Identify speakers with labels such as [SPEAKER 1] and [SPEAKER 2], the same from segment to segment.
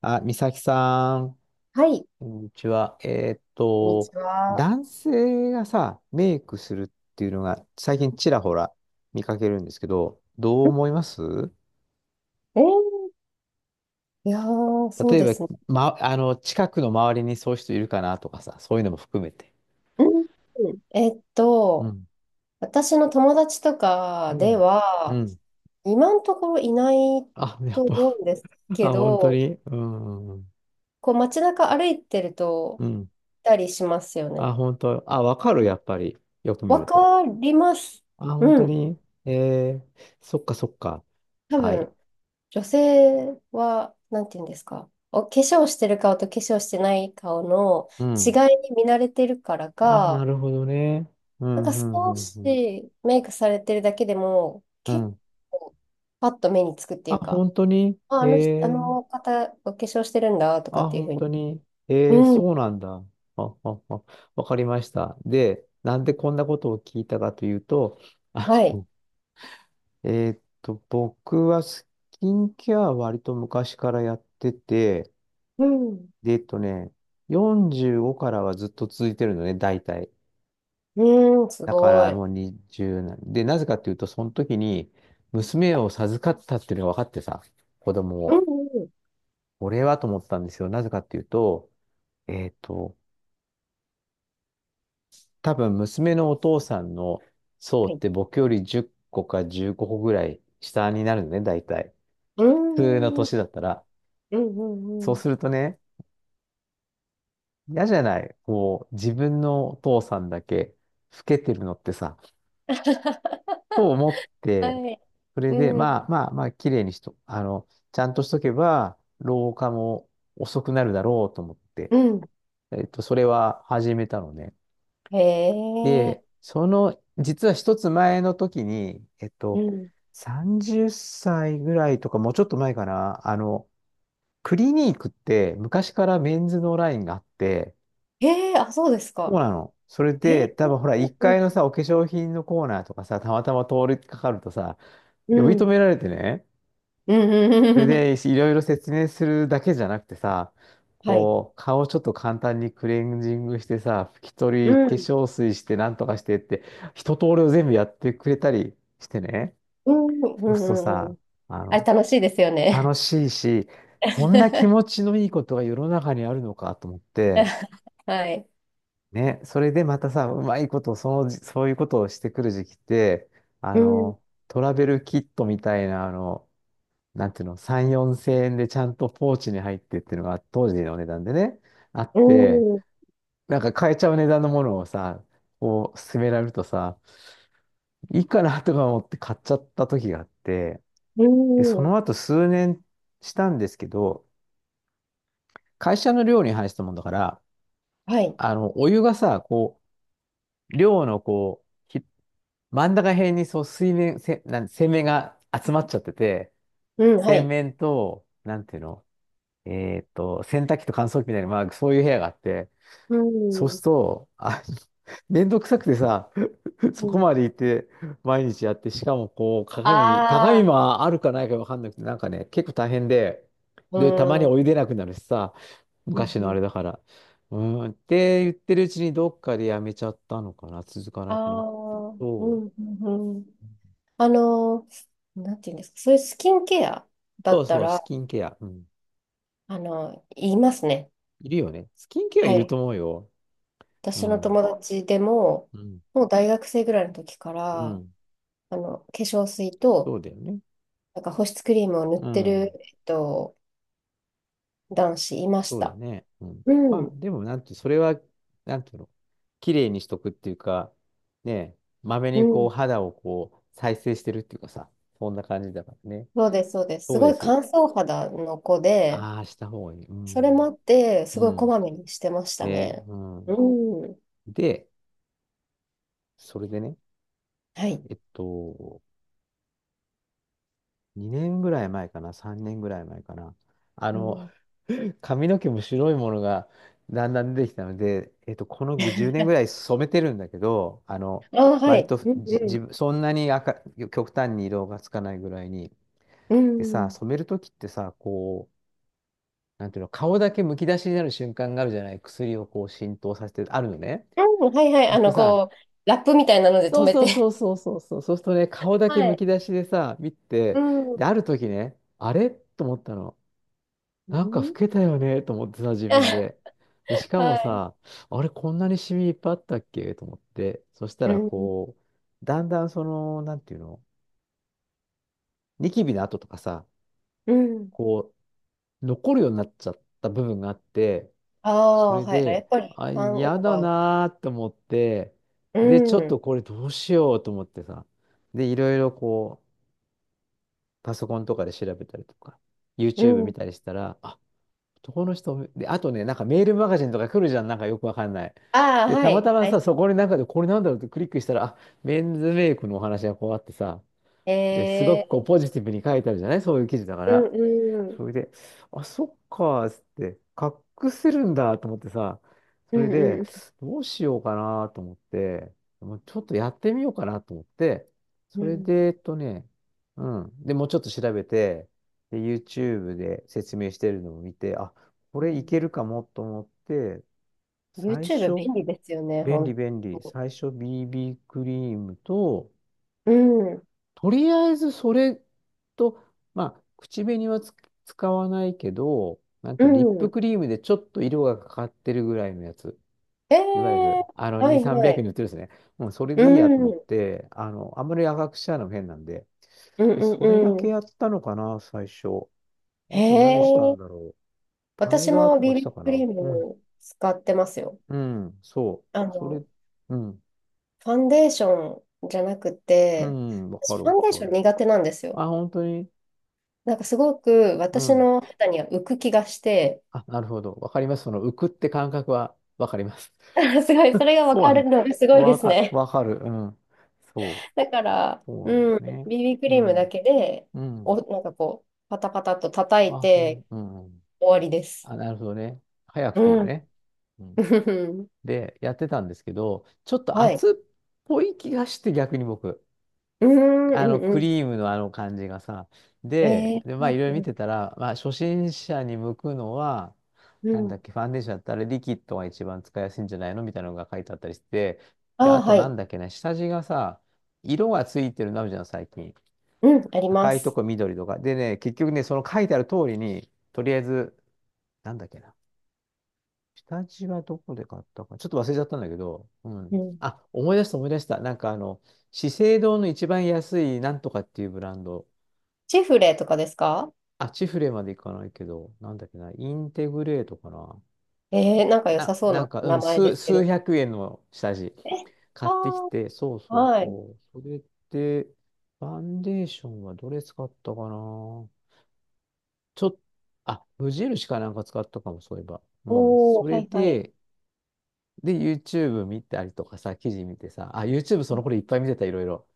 [SPEAKER 1] あ、美咲さん、
[SPEAKER 2] はい、
[SPEAKER 1] こんにちは。
[SPEAKER 2] こんにちは。
[SPEAKER 1] 男性がさ、メイクするっていうのが最近ちらほら見かけるんですけど、どう思います？
[SPEAKER 2] えーいやー、そう
[SPEAKER 1] 例え
[SPEAKER 2] で
[SPEAKER 1] ば、
[SPEAKER 2] すね。
[SPEAKER 1] ま、あの、近くの周りにそういう人いるかなとかさ、そういうのも含めて。
[SPEAKER 2] うん。
[SPEAKER 1] うん。
[SPEAKER 2] 私の友達と
[SPEAKER 1] う
[SPEAKER 2] かで
[SPEAKER 1] ん。う
[SPEAKER 2] は、
[SPEAKER 1] ん。
[SPEAKER 2] 今のところいない
[SPEAKER 1] あ、やっ
[SPEAKER 2] と思
[SPEAKER 1] ぱ、
[SPEAKER 2] うんです け
[SPEAKER 1] あ、本当
[SPEAKER 2] ど、
[SPEAKER 1] に。うん。
[SPEAKER 2] こう街中歩いてると、
[SPEAKER 1] うん。
[SPEAKER 2] いたりしますよ
[SPEAKER 1] あ、
[SPEAKER 2] ね。
[SPEAKER 1] 本当。あ、わかる、やっぱり。よく見
[SPEAKER 2] わ
[SPEAKER 1] ると。
[SPEAKER 2] かります。
[SPEAKER 1] あ、本
[SPEAKER 2] う
[SPEAKER 1] 当
[SPEAKER 2] ん。
[SPEAKER 1] に。えー、そっかそっか。
[SPEAKER 2] 多
[SPEAKER 1] はい。
[SPEAKER 2] 分、女性は、なんていうんですか。化粧してる顔と化粧してない顔の
[SPEAKER 1] う
[SPEAKER 2] 違
[SPEAKER 1] ん。
[SPEAKER 2] いに見慣れてるから
[SPEAKER 1] あ、な
[SPEAKER 2] か、
[SPEAKER 1] るほどね。う
[SPEAKER 2] なんか
[SPEAKER 1] ん、う
[SPEAKER 2] 少
[SPEAKER 1] ん、うん、う
[SPEAKER 2] し
[SPEAKER 1] ん。
[SPEAKER 2] メイクされてるだけでも、
[SPEAKER 1] う
[SPEAKER 2] 結
[SPEAKER 1] ん。
[SPEAKER 2] 構パッと目につくってい
[SPEAKER 1] あ、
[SPEAKER 2] うか、
[SPEAKER 1] 本当に。
[SPEAKER 2] あ、
[SPEAKER 1] え
[SPEAKER 2] あの人、あの
[SPEAKER 1] え。
[SPEAKER 2] 方、お化粧してるんだとか
[SPEAKER 1] あ、
[SPEAKER 2] っていうふ
[SPEAKER 1] 本
[SPEAKER 2] うに。
[SPEAKER 1] 当に。ええ、
[SPEAKER 2] うん、
[SPEAKER 1] そうなんだ。あ、あ、あ、わかりました。で、なんでこんなことを聞いたかというと、あ
[SPEAKER 2] はい。
[SPEAKER 1] の、僕はスキンケアは割と昔からやってて、
[SPEAKER 2] うん、
[SPEAKER 1] で、45からはずっと続いてるのね、大体。
[SPEAKER 2] うん、す
[SPEAKER 1] だか
[SPEAKER 2] ご
[SPEAKER 1] ら
[SPEAKER 2] い。
[SPEAKER 1] もう20なんで、なぜかっていうと、その時に娘を授かったっていうのが分かってさ、子供
[SPEAKER 2] う
[SPEAKER 1] を。
[SPEAKER 2] ん、うん、
[SPEAKER 1] 俺はと思ったんですよ。なぜかっていうと、えっと、多分娘のお父さんの層
[SPEAKER 2] は
[SPEAKER 1] っ
[SPEAKER 2] い。
[SPEAKER 1] て僕より10個か15個ぐらい下になるのね、大体。
[SPEAKER 2] う
[SPEAKER 1] 普通の
[SPEAKER 2] ん、うん、
[SPEAKER 1] 年だったら。
[SPEAKER 2] うん、
[SPEAKER 1] そ
[SPEAKER 2] う
[SPEAKER 1] う
[SPEAKER 2] ん。
[SPEAKER 1] するとね、嫌じゃない。こう、自分のお父さんだけ老けてるのってさ、と思って、
[SPEAKER 2] はい。
[SPEAKER 1] それで、
[SPEAKER 2] うん、
[SPEAKER 1] まあまあまあ、綺麗にしと、あの、ちゃんとしとけば、老化も遅くなるだろうと思って、
[SPEAKER 2] うん。
[SPEAKER 1] それは始めたのね。
[SPEAKER 2] へえ、
[SPEAKER 1] で、実は一つ前の時に、
[SPEAKER 2] うん。
[SPEAKER 1] 30歳ぐらいとか、もうちょっと前かな、クリニークって昔からメンズのラインがあって、
[SPEAKER 2] へえ、あ、そうです
[SPEAKER 1] そう
[SPEAKER 2] か。
[SPEAKER 1] なの。それ
[SPEAKER 2] へ
[SPEAKER 1] で、
[SPEAKER 2] え、
[SPEAKER 1] 多分ほら、1
[SPEAKER 2] う
[SPEAKER 1] 階
[SPEAKER 2] ん、
[SPEAKER 1] のさ、お化粧品のコーナーとかさ、たまたま通りかかるとさ、
[SPEAKER 2] う
[SPEAKER 1] 呼び止
[SPEAKER 2] ん、
[SPEAKER 1] められてね、
[SPEAKER 2] うん、うん、
[SPEAKER 1] それ
[SPEAKER 2] うんう
[SPEAKER 1] で、
[SPEAKER 2] ん、
[SPEAKER 1] いろいろ説明するだけじゃなくてさ、
[SPEAKER 2] はい。
[SPEAKER 1] こう、顔をちょっと簡単にクレンジングしてさ、拭き取
[SPEAKER 2] う
[SPEAKER 1] り、
[SPEAKER 2] ん、う
[SPEAKER 1] 化
[SPEAKER 2] ん、
[SPEAKER 1] 粧水して、なんとかしてって、一通りを全部やってくれたりしてね。
[SPEAKER 2] うん、う
[SPEAKER 1] そうすると
[SPEAKER 2] ん、う
[SPEAKER 1] さ、
[SPEAKER 2] ん。
[SPEAKER 1] あ
[SPEAKER 2] あれ
[SPEAKER 1] の、
[SPEAKER 2] 楽しいですよ
[SPEAKER 1] 楽
[SPEAKER 2] ね。
[SPEAKER 1] しいし、こんな気 持ちのいいことが世の中にあるのかと思って、
[SPEAKER 2] はい。
[SPEAKER 1] ね、それでまたさ、うまいこと、そういうことをしてくる時期って、あ
[SPEAKER 2] うん、
[SPEAKER 1] の、トラベルキットみたいな、なんていうの、3、4千円でちゃんとポーチに入ってっていうのが当時の値段でね、あっ
[SPEAKER 2] う
[SPEAKER 1] て、
[SPEAKER 2] ん、
[SPEAKER 1] なんか買えちゃう値段のものをさ、こう勧められるとさ、いいかなとか思って買っちゃった時があって、
[SPEAKER 2] う
[SPEAKER 1] で、そ
[SPEAKER 2] ん。
[SPEAKER 1] の後数年したんですけど、会社の寮に入したもんだから、
[SPEAKER 2] はい。
[SPEAKER 1] お湯がさ、こう、寮のこう、ひ真ん中辺にそう水面、せ、なん、洗面が集まっちゃってて、
[SPEAKER 2] うん、は
[SPEAKER 1] 洗
[SPEAKER 2] い。
[SPEAKER 1] 面と、なんていうの、洗濯機と乾燥機みたいな、まあ、そういう部屋があって、
[SPEAKER 2] う
[SPEAKER 1] そうす
[SPEAKER 2] ん、
[SPEAKER 1] ると、あ、めんどくさくてさ、そ
[SPEAKER 2] う
[SPEAKER 1] こ
[SPEAKER 2] ん。
[SPEAKER 1] まで行って、毎日やって、しかもこう、鏡、
[SPEAKER 2] あ
[SPEAKER 1] 鏡
[SPEAKER 2] あ、
[SPEAKER 1] もあるかないかわかんなくて、なんかね、結構大変で、
[SPEAKER 2] う
[SPEAKER 1] で、たまに
[SPEAKER 2] ん、うん、
[SPEAKER 1] お湯出なくなるしさ、
[SPEAKER 2] う
[SPEAKER 1] 昔のあ
[SPEAKER 2] ん。
[SPEAKER 1] れだから。うーん、って言ってるうちにどっかでやめちゃったのかな、続か
[SPEAKER 2] あ
[SPEAKER 1] なくなって。
[SPEAKER 2] あ、うん、
[SPEAKER 1] そう、
[SPEAKER 2] うん、うん。あのなんていうんですか、そういうスキンケアだ
[SPEAKER 1] そ
[SPEAKER 2] っ
[SPEAKER 1] う
[SPEAKER 2] た
[SPEAKER 1] そう、ス
[SPEAKER 2] ら、
[SPEAKER 1] キンケア。うん。
[SPEAKER 2] 言いますね。
[SPEAKER 1] いるよね。スキンケア
[SPEAKER 2] は
[SPEAKER 1] いる
[SPEAKER 2] い。
[SPEAKER 1] と思うよ。う
[SPEAKER 2] 私の
[SPEAKER 1] ん。
[SPEAKER 2] 友達でも、
[SPEAKER 1] うん。
[SPEAKER 2] もう大学生ぐらいの時か
[SPEAKER 1] う
[SPEAKER 2] ら、
[SPEAKER 1] ん。
[SPEAKER 2] 化粧水と、
[SPEAKER 1] そうだよね。
[SPEAKER 2] なんか保湿クリームを塗っ
[SPEAKER 1] う
[SPEAKER 2] てる、
[SPEAKER 1] ん。
[SPEAKER 2] 男子いまし
[SPEAKER 1] そうだ
[SPEAKER 2] た。
[SPEAKER 1] ね。うん。
[SPEAKER 2] う
[SPEAKER 1] まあ、
[SPEAKER 2] ん、
[SPEAKER 1] でも、なんて、それは、なんていうの、綺麗にしとくっていうか、ねえ、まめ
[SPEAKER 2] う
[SPEAKER 1] にこう、
[SPEAKER 2] ん、
[SPEAKER 1] 肌をこう、再生してるっていうかさ、そんな感じだからね。
[SPEAKER 2] そうです、そうです。す
[SPEAKER 1] そう
[SPEAKER 2] ご
[SPEAKER 1] で
[SPEAKER 2] い
[SPEAKER 1] す。
[SPEAKER 2] 乾燥肌の子で、
[SPEAKER 1] ああ、した方がいい。う
[SPEAKER 2] それもあ
[SPEAKER 1] ん。
[SPEAKER 2] って、す
[SPEAKER 1] う
[SPEAKER 2] ごいこ
[SPEAKER 1] ん。
[SPEAKER 2] まめにしてました
[SPEAKER 1] ね、
[SPEAKER 2] ね。
[SPEAKER 1] う
[SPEAKER 2] う
[SPEAKER 1] ん。
[SPEAKER 2] ん、
[SPEAKER 1] で、それでね、
[SPEAKER 2] はい。
[SPEAKER 1] えっと、2年ぐらい前かな、3年ぐらい前かな。あ
[SPEAKER 2] う
[SPEAKER 1] の、
[SPEAKER 2] ん、
[SPEAKER 1] 髪の毛も白いものがだんだん出てきたので、この10年ぐらい染めてるんだけど、
[SPEAKER 2] ああ、は
[SPEAKER 1] 割
[SPEAKER 2] い。
[SPEAKER 1] と
[SPEAKER 2] うん、
[SPEAKER 1] じ
[SPEAKER 2] う
[SPEAKER 1] 自
[SPEAKER 2] ん。
[SPEAKER 1] 分、そんなに赤、極端に色がつかないぐらいに。
[SPEAKER 2] う
[SPEAKER 1] でさ、
[SPEAKER 2] ん。
[SPEAKER 1] 染めるときってさ、こう、なんていうの、顔だけむき出しになる瞬間があるじゃない、薬をこう浸透させて、あるのね。
[SPEAKER 2] うん、はいはい。
[SPEAKER 1] そうするとさ、
[SPEAKER 2] こう、ラップみたいなので止
[SPEAKER 1] そう
[SPEAKER 2] め
[SPEAKER 1] そ
[SPEAKER 2] て。
[SPEAKER 1] うそう そうそうそう、そうするとね、顔だけ
[SPEAKER 2] は
[SPEAKER 1] む
[SPEAKER 2] い。
[SPEAKER 1] き出しでさ、見
[SPEAKER 2] う
[SPEAKER 1] て、で、
[SPEAKER 2] ん。
[SPEAKER 1] ある時ね、あれと思ったの。
[SPEAKER 2] う
[SPEAKER 1] なんか老
[SPEAKER 2] ん、
[SPEAKER 1] けたよねと思ってさ、自
[SPEAKER 2] あ、
[SPEAKER 1] 分 で。で、しかも
[SPEAKER 2] はい。
[SPEAKER 1] さ、あれ、こんなにシミいっぱいあったっけと思って。そした
[SPEAKER 2] う
[SPEAKER 1] ら、
[SPEAKER 2] ん。
[SPEAKER 1] こう、だんだんその、なんていうの、ニキビの跡とかさ、
[SPEAKER 2] うん。
[SPEAKER 1] こう、残るようになっちゃった部分があって、
[SPEAKER 2] あ
[SPEAKER 1] そ
[SPEAKER 2] あ、
[SPEAKER 1] れ
[SPEAKER 2] はい。あ、や
[SPEAKER 1] で、
[SPEAKER 2] っぱり、
[SPEAKER 1] あ、
[SPEAKER 2] ターン
[SPEAKER 1] 嫌
[SPEAKER 2] オー
[SPEAKER 1] だ
[SPEAKER 2] バー。
[SPEAKER 1] なーと思って、で、ちょっとこれどうしようと思ってさ、で、いろいろこう、パソコンとかで調べたりとか、YouTube 見たりしたら、あ、男の人、で、あとね、なんかメールマガジンとか来るじゃん、なんかよくわかんない。で、たまたまさ、そこになんかで、これなんだろうってクリックしたら、あ、メンズメイクのお話がこうあってさ、で、すごくこうポジティブに書いてあるじゃない。そういう記事だか
[SPEAKER 2] う
[SPEAKER 1] ら。
[SPEAKER 2] ん、うん。ああ、はいはい、えー、うん、うん、
[SPEAKER 1] それで、あ、そっかーっつって、隠せるんだと思ってさ、そ
[SPEAKER 2] う
[SPEAKER 1] れ
[SPEAKER 2] ん、
[SPEAKER 1] で、
[SPEAKER 2] うん、
[SPEAKER 1] どうしようかなと思って、もうちょっとやってみようかなと思って、
[SPEAKER 2] う
[SPEAKER 1] それで、
[SPEAKER 2] ん。
[SPEAKER 1] うん。で、もうちょっと調べて、で、YouTube で説明してるのを見て、あ、こ
[SPEAKER 2] う
[SPEAKER 1] れいけ
[SPEAKER 2] ん。
[SPEAKER 1] るかもと思って、最
[SPEAKER 2] YouTube 便
[SPEAKER 1] 初、
[SPEAKER 2] 利ですよね、
[SPEAKER 1] 便利
[SPEAKER 2] 本
[SPEAKER 1] 便利、
[SPEAKER 2] 当
[SPEAKER 1] 最初 BB クリームと、
[SPEAKER 2] に。うん。
[SPEAKER 1] とりあえずそれと、まあ、口紅は使わないけど、なん
[SPEAKER 2] う
[SPEAKER 1] ていうのリップ
[SPEAKER 2] ん。
[SPEAKER 1] クリームでちょっと色がかかってるぐらいのやつ。
[SPEAKER 2] え
[SPEAKER 1] いわゆ
[SPEAKER 2] え、
[SPEAKER 1] る、
[SPEAKER 2] は
[SPEAKER 1] 2、
[SPEAKER 2] いは
[SPEAKER 1] 300円
[SPEAKER 2] い。
[SPEAKER 1] に売ってるんですね。もうそれ
[SPEAKER 2] う
[SPEAKER 1] でいいやと
[SPEAKER 2] ん。
[SPEAKER 1] 思っ
[SPEAKER 2] うん、
[SPEAKER 1] て、あんまり赤くしちゃうのも変なんで。
[SPEAKER 2] う
[SPEAKER 1] で、それだ
[SPEAKER 2] ん、う
[SPEAKER 1] け
[SPEAKER 2] ん。
[SPEAKER 1] やったのかな、最初。
[SPEAKER 2] へ
[SPEAKER 1] あと何した
[SPEAKER 2] え。
[SPEAKER 1] んだろう。パウ
[SPEAKER 2] 私
[SPEAKER 1] ダー
[SPEAKER 2] も
[SPEAKER 1] とかした
[SPEAKER 2] BB
[SPEAKER 1] か
[SPEAKER 2] ク
[SPEAKER 1] な。
[SPEAKER 2] リー
[SPEAKER 1] うん。
[SPEAKER 2] ム使ってますよ。
[SPEAKER 1] うん、そ
[SPEAKER 2] あ
[SPEAKER 1] う。それ、
[SPEAKER 2] の、
[SPEAKER 1] うん。
[SPEAKER 2] ファンデーションじゃなく
[SPEAKER 1] う
[SPEAKER 2] て、
[SPEAKER 1] ん、わか
[SPEAKER 2] 私
[SPEAKER 1] る
[SPEAKER 2] ファンデー
[SPEAKER 1] わ
[SPEAKER 2] シ
[SPEAKER 1] か
[SPEAKER 2] ョン
[SPEAKER 1] る。
[SPEAKER 2] 苦手なんですよ。
[SPEAKER 1] あ、本当に。
[SPEAKER 2] なんかすごく
[SPEAKER 1] う
[SPEAKER 2] 私
[SPEAKER 1] ん。
[SPEAKER 2] の肌には浮く気がして、
[SPEAKER 1] あ、なるほど。わかります。その浮くって感覚はわかります。
[SPEAKER 2] すごい、そ れが分
[SPEAKER 1] そう
[SPEAKER 2] か
[SPEAKER 1] なん
[SPEAKER 2] る
[SPEAKER 1] だ。
[SPEAKER 2] のがすごいで
[SPEAKER 1] わ
[SPEAKER 2] す
[SPEAKER 1] か、
[SPEAKER 2] ね。
[SPEAKER 1] わかる。うん。そう。
[SPEAKER 2] だから、
[SPEAKER 1] そうなんだ
[SPEAKER 2] う
[SPEAKER 1] よ
[SPEAKER 2] ん、
[SPEAKER 1] ね。
[SPEAKER 2] BB ク
[SPEAKER 1] う
[SPEAKER 2] リームだ
[SPEAKER 1] ん。
[SPEAKER 2] けで、
[SPEAKER 1] うん。
[SPEAKER 2] なんかこう、パタパタと叩い
[SPEAKER 1] あ、う
[SPEAKER 2] て
[SPEAKER 1] ん。うん。うん。
[SPEAKER 2] 終わりです。
[SPEAKER 1] あ、なるほどね。早くていいよ
[SPEAKER 2] う
[SPEAKER 1] ね。
[SPEAKER 2] ん。
[SPEAKER 1] うん。で、やってたんですけど、ちょっと
[SPEAKER 2] はい。
[SPEAKER 1] 熱っぽい気がして逆に僕。
[SPEAKER 2] うん、うん、う
[SPEAKER 1] ク
[SPEAKER 2] ん。
[SPEAKER 1] リームのあの感じがさ。で、
[SPEAKER 2] え
[SPEAKER 1] で、まあ、いろいろ見て
[SPEAKER 2] ー、
[SPEAKER 1] たら、まあ、初心者に向くのは、
[SPEAKER 2] う
[SPEAKER 1] な
[SPEAKER 2] ん。
[SPEAKER 1] ん
[SPEAKER 2] う
[SPEAKER 1] だっ
[SPEAKER 2] ん、
[SPEAKER 1] け、ファンデーションだったらリキッドが一番使いやすいんじゃないのみたいなのが書いてあったりして、で、
[SPEAKER 2] あ
[SPEAKER 1] あ
[SPEAKER 2] あ、
[SPEAKER 1] と
[SPEAKER 2] は
[SPEAKER 1] なん
[SPEAKER 2] い。
[SPEAKER 1] だっけね、下地がさ、色がついてるのあるじゃん、最近。
[SPEAKER 2] うん、ありま
[SPEAKER 1] 赤いと
[SPEAKER 2] す。
[SPEAKER 1] こ緑とか。でね、結局ね、その書いてある通りに、とりあえず、なんだっけな。下地はどこで買ったか。ちょっと忘れちゃったんだけど、う
[SPEAKER 2] う
[SPEAKER 1] ん。
[SPEAKER 2] ん。
[SPEAKER 1] あ、思い出した思い出した。なんか資生堂の一番安いなんとかっていうブランド。
[SPEAKER 2] チフレとかですか？
[SPEAKER 1] あ、チフレまで行かないけど、なんだっけな、インテグレートかな。
[SPEAKER 2] えー、なんか良さそうな
[SPEAKER 1] う
[SPEAKER 2] 名
[SPEAKER 1] ん、
[SPEAKER 2] 前ですけ
[SPEAKER 1] 数
[SPEAKER 2] ど。
[SPEAKER 1] 百円の下地
[SPEAKER 2] え、
[SPEAKER 1] 買
[SPEAKER 2] あ
[SPEAKER 1] ってきて、そう
[SPEAKER 2] あ、
[SPEAKER 1] そう
[SPEAKER 2] はい。
[SPEAKER 1] そう。それで、ファンデーションはどれ使ったかな。ちょっと、あ、無印かなんか使ったかも、そういえば。うん、
[SPEAKER 2] お
[SPEAKER 1] そ
[SPEAKER 2] ー、は
[SPEAKER 1] れ
[SPEAKER 2] い、はい。
[SPEAKER 1] で、YouTube 見たりとかさ、記事見てさ、あ、YouTube その頃いっぱい見てた、いろいろ。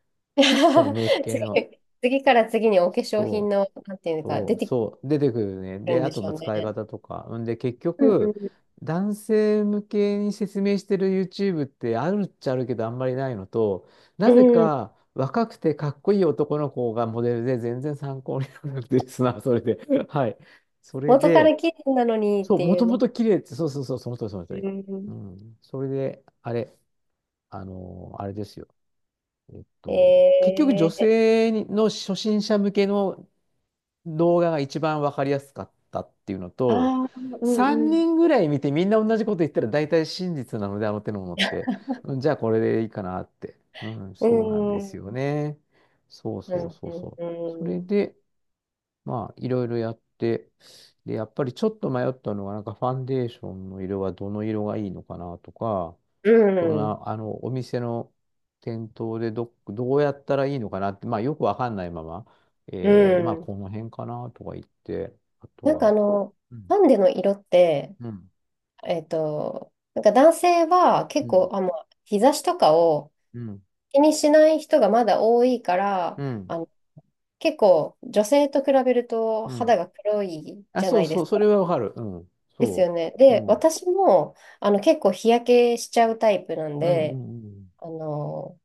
[SPEAKER 1] そのメイク 系の。
[SPEAKER 2] 次から次にお化粧品の、なんていうか、
[SPEAKER 1] そ
[SPEAKER 2] 出
[SPEAKER 1] う、
[SPEAKER 2] てく
[SPEAKER 1] そう、出てくるね。
[SPEAKER 2] る
[SPEAKER 1] で、
[SPEAKER 2] ん
[SPEAKER 1] あ
[SPEAKER 2] で
[SPEAKER 1] と、
[SPEAKER 2] しょ
[SPEAKER 1] まあ、
[SPEAKER 2] うね。
[SPEAKER 1] 使い方とか。んで、結
[SPEAKER 2] うん、
[SPEAKER 1] 局、
[SPEAKER 2] うん。
[SPEAKER 1] 男性向けに説明してる YouTube ってあるっちゃあるけど、あんまりないのと、な
[SPEAKER 2] う
[SPEAKER 1] ぜ
[SPEAKER 2] ん、
[SPEAKER 1] か若くてかっこいい男の子がモデルで全然参考にならなくてですな、それで。はい。それ
[SPEAKER 2] 元か
[SPEAKER 1] で、
[SPEAKER 2] ら綺麗なのにっ
[SPEAKER 1] そう、
[SPEAKER 2] て
[SPEAKER 1] も
[SPEAKER 2] いう
[SPEAKER 1] とも
[SPEAKER 2] ね。
[SPEAKER 1] と綺麗って、そうそうそう、その通り、その通
[SPEAKER 2] う
[SPEAKER 1] り。う
[SPEAKER 2] ん。
[SPEAKER 1] ん。それで、あれ、あのーあれですよ。
[SPEAKER 2] え
[SPEAKER 1] 結局女
[SPEAKER 2] ー、
[SPEAKER 1] 性にの初心者向けの動画が一番わかりやすかったっていうのと、
[SPEAKER 2] ああ、うん、
[SPEAKER 1] 3
[SPEAKER 2] うん。
[SPEAKER 1] 人ぐらい見てみんな同じこと言ったら大体真実なので、あの手のものって。うん、じゃあこれでいいかなって。うん、
[SPEAKER 2] う
[SPEAKER 1] そうなんで
[SPEAKER 2] ん、う
[SPEAKER 1] す
[SPEAKER 2] ん、
[SPEAKER 1] よね。そう
[SPEAKER 2] う
[SPEAKER 1] そう
[SPEAKER 2] ん、
[SPEAKER 1] そうそう。そ
[SPEAKER 2] う
[SPEAKER 1] れ
[SPEAKER 2] ん、
[SPEAKER 1] で、まあ、いろいろやって、で、やっぱりちょっと迷ったのが、なんかファンデーションの色はどの色がいいのかなとか、
[SPEAKER 2] う
[SPEAKER 1] そ
[SPEAKER 2] ん、
[SPEAKER 1] の、あの、お店の店頭でどうやったらいいのかなって、まあ、よくわかんないまま、
[SPEAKER 2] う
[SPEAKER 1] まあ、こ
[SPEAKER 2] ん。
[SPEAKER 1] の辺かなとか言って、あと
[SPEAKER 2] なんかあ
[SPEAKER 1] は、
[SPEAKER 2] の、
[SPEAKER 1] うん、
[SPEAKER 2] ハンデの色って、
[SPEAKER 1] うん、
[SPEAKER 2] なんか男性は
[SPEAKER 1] う
[SPEAKER 2] 結構、
[SPEAKER 1] ん、
[SPEAKER 2] あ、もう日差しとかを
[SPEAKER 1] うん、
[SPEAKER 2] 気にしない人がまだ多いから、
[SPEAKER 1] うん、
[SPEAKER 2] 結構女性と比べると
[SPEAKER 1] う
[SPEAKER 2] 肌
[SPEAKER 1] ん。
[SPEAKER 2] が黒い
[SPEAKER 1] あ、
[SPEAKER 2] じゃ
[SPEAKER 1] そ
[SPEAKER 2] な
[SPEAKER 1] う
[SPEAKER 2] いで
[SPEAKER 1] そう、
[SPEAKER 2] す
[SPEAKER 1] それ
[SPEAKER 2] か。
[SPEAKER 1] はわかる。うん、
[SPEAKER 2] です
[SPEAKER 1] そ
[SPEAKER 2] よね。
[SPEAKER 1] う。う
[SPEAKER 2] で、
[SPEAKER 1] ん、うん、
[SPEAKER 2] 私も、結構日焼けしちゃうタイプなん
[SPEAKER 1] う
[SPEAKER 2] で、
[SPEAKER 1] ん、
[SPEAKER 2] あの、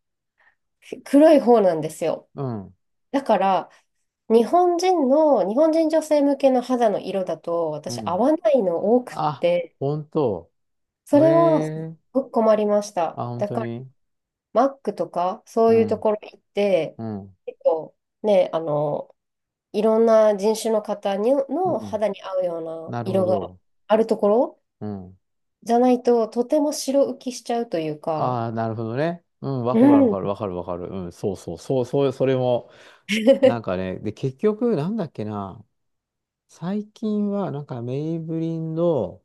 [SPEAKER 2] 黒い方なんですよ。
[SPEAKER 1] うん、うん。
[SPEAKER 2] だから、日本人女性向けの肌の色だと、
[SPEAKER 1] う
[SPEAKER 2] 私合
[SPEAKER 1] ん。
[SPEAKER 2] わないの多くっ
[SPEAKER 1] あ、
[SPEAKER 2] て、
[SPEAKER 1] 本当。
[SPEAKER 2] それはすっ
[SPEAKER 1] ええ。
[SPEAKER 2] ごく困りました。
[SPEAKER 1] あ、本
[SPEAKER 2] だ
[SPEAKER 1] 当
[SPEAKER 2] から、
[SPEAKER 1] に。
[SPEAKER 2] マックとか、そ
[SPEAKER 1] う
[SPEAKER 2] ういうと
[SPEAKER 1] ん、
[SPEAKER 2] ころ行って、
[SPEAKER 1] うん、
[SPEAKER 2] 結構ね、いろんな人種の方に
[SPEAKER 1] う
[SPEAKER 2] の
[SPEAKER 1] ん。
[SPEAKER 2] 肌に合うような
[SPEAKER 1] なるほ
[SPEAKER 2] 色が
[SPEAKER 1] ど。
[SPEAKER 2] あるところ
[SPEAKER 1] うん。
[SPEAKER 2] じゃないと、とても白浮きしちゃうというか、
[SPEAKER 1] ああ、なるほどね。うん、わ
[SPEAKER 2] う
[SPEAKER 1] かるわかる
[SPEAKER 2] ん。
[SPEAKER 1] わかるわかる。うん、そうそう、そう、そう、それも、なんかね、で、結局、なんだっけな、最近は、なんか、メイブリンの、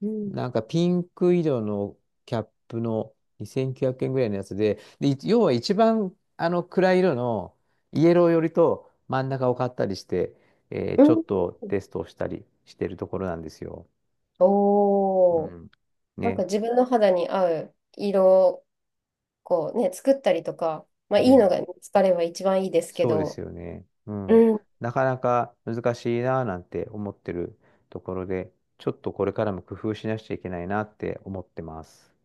[SPEAKER 2] うん。
[SPEAKER 1] なんか、ピンク色のキャップの2900円ぐらいのやつで、で、要は一番、あの、暗い色の、イエロー寄りと真ん中を買ったりして、
[SPEAKER 2] う
[SPEAKER 1] ちょ
[SPEAKER 2] ん、
[SPEAKER 1] っとテストをしたりしてるところなんですよ。う
[SPEAKER 2] おー。
[SPEAKER 1] ん。
[SPEAKER 2] なんか
[SPEAKER 1] ね。
[SPEAKER 2] 自分の肌に合う色をこうね、作ったりとか、まあいい
[SPEAKER 1] ね。
[SPEAKER 2] のが見つかれば一番いいですけ
[SPEAKER 1] そうです
[SPEAKER 2] ど、
[SPEAKER 1] よね。うん。
[SPEAKER 2] うん、
[SPEAKER 1] なかなか難しいなぁなんて思ってるところで、ちょっとこれからも工夫しなくちゃいけないなって思ってます。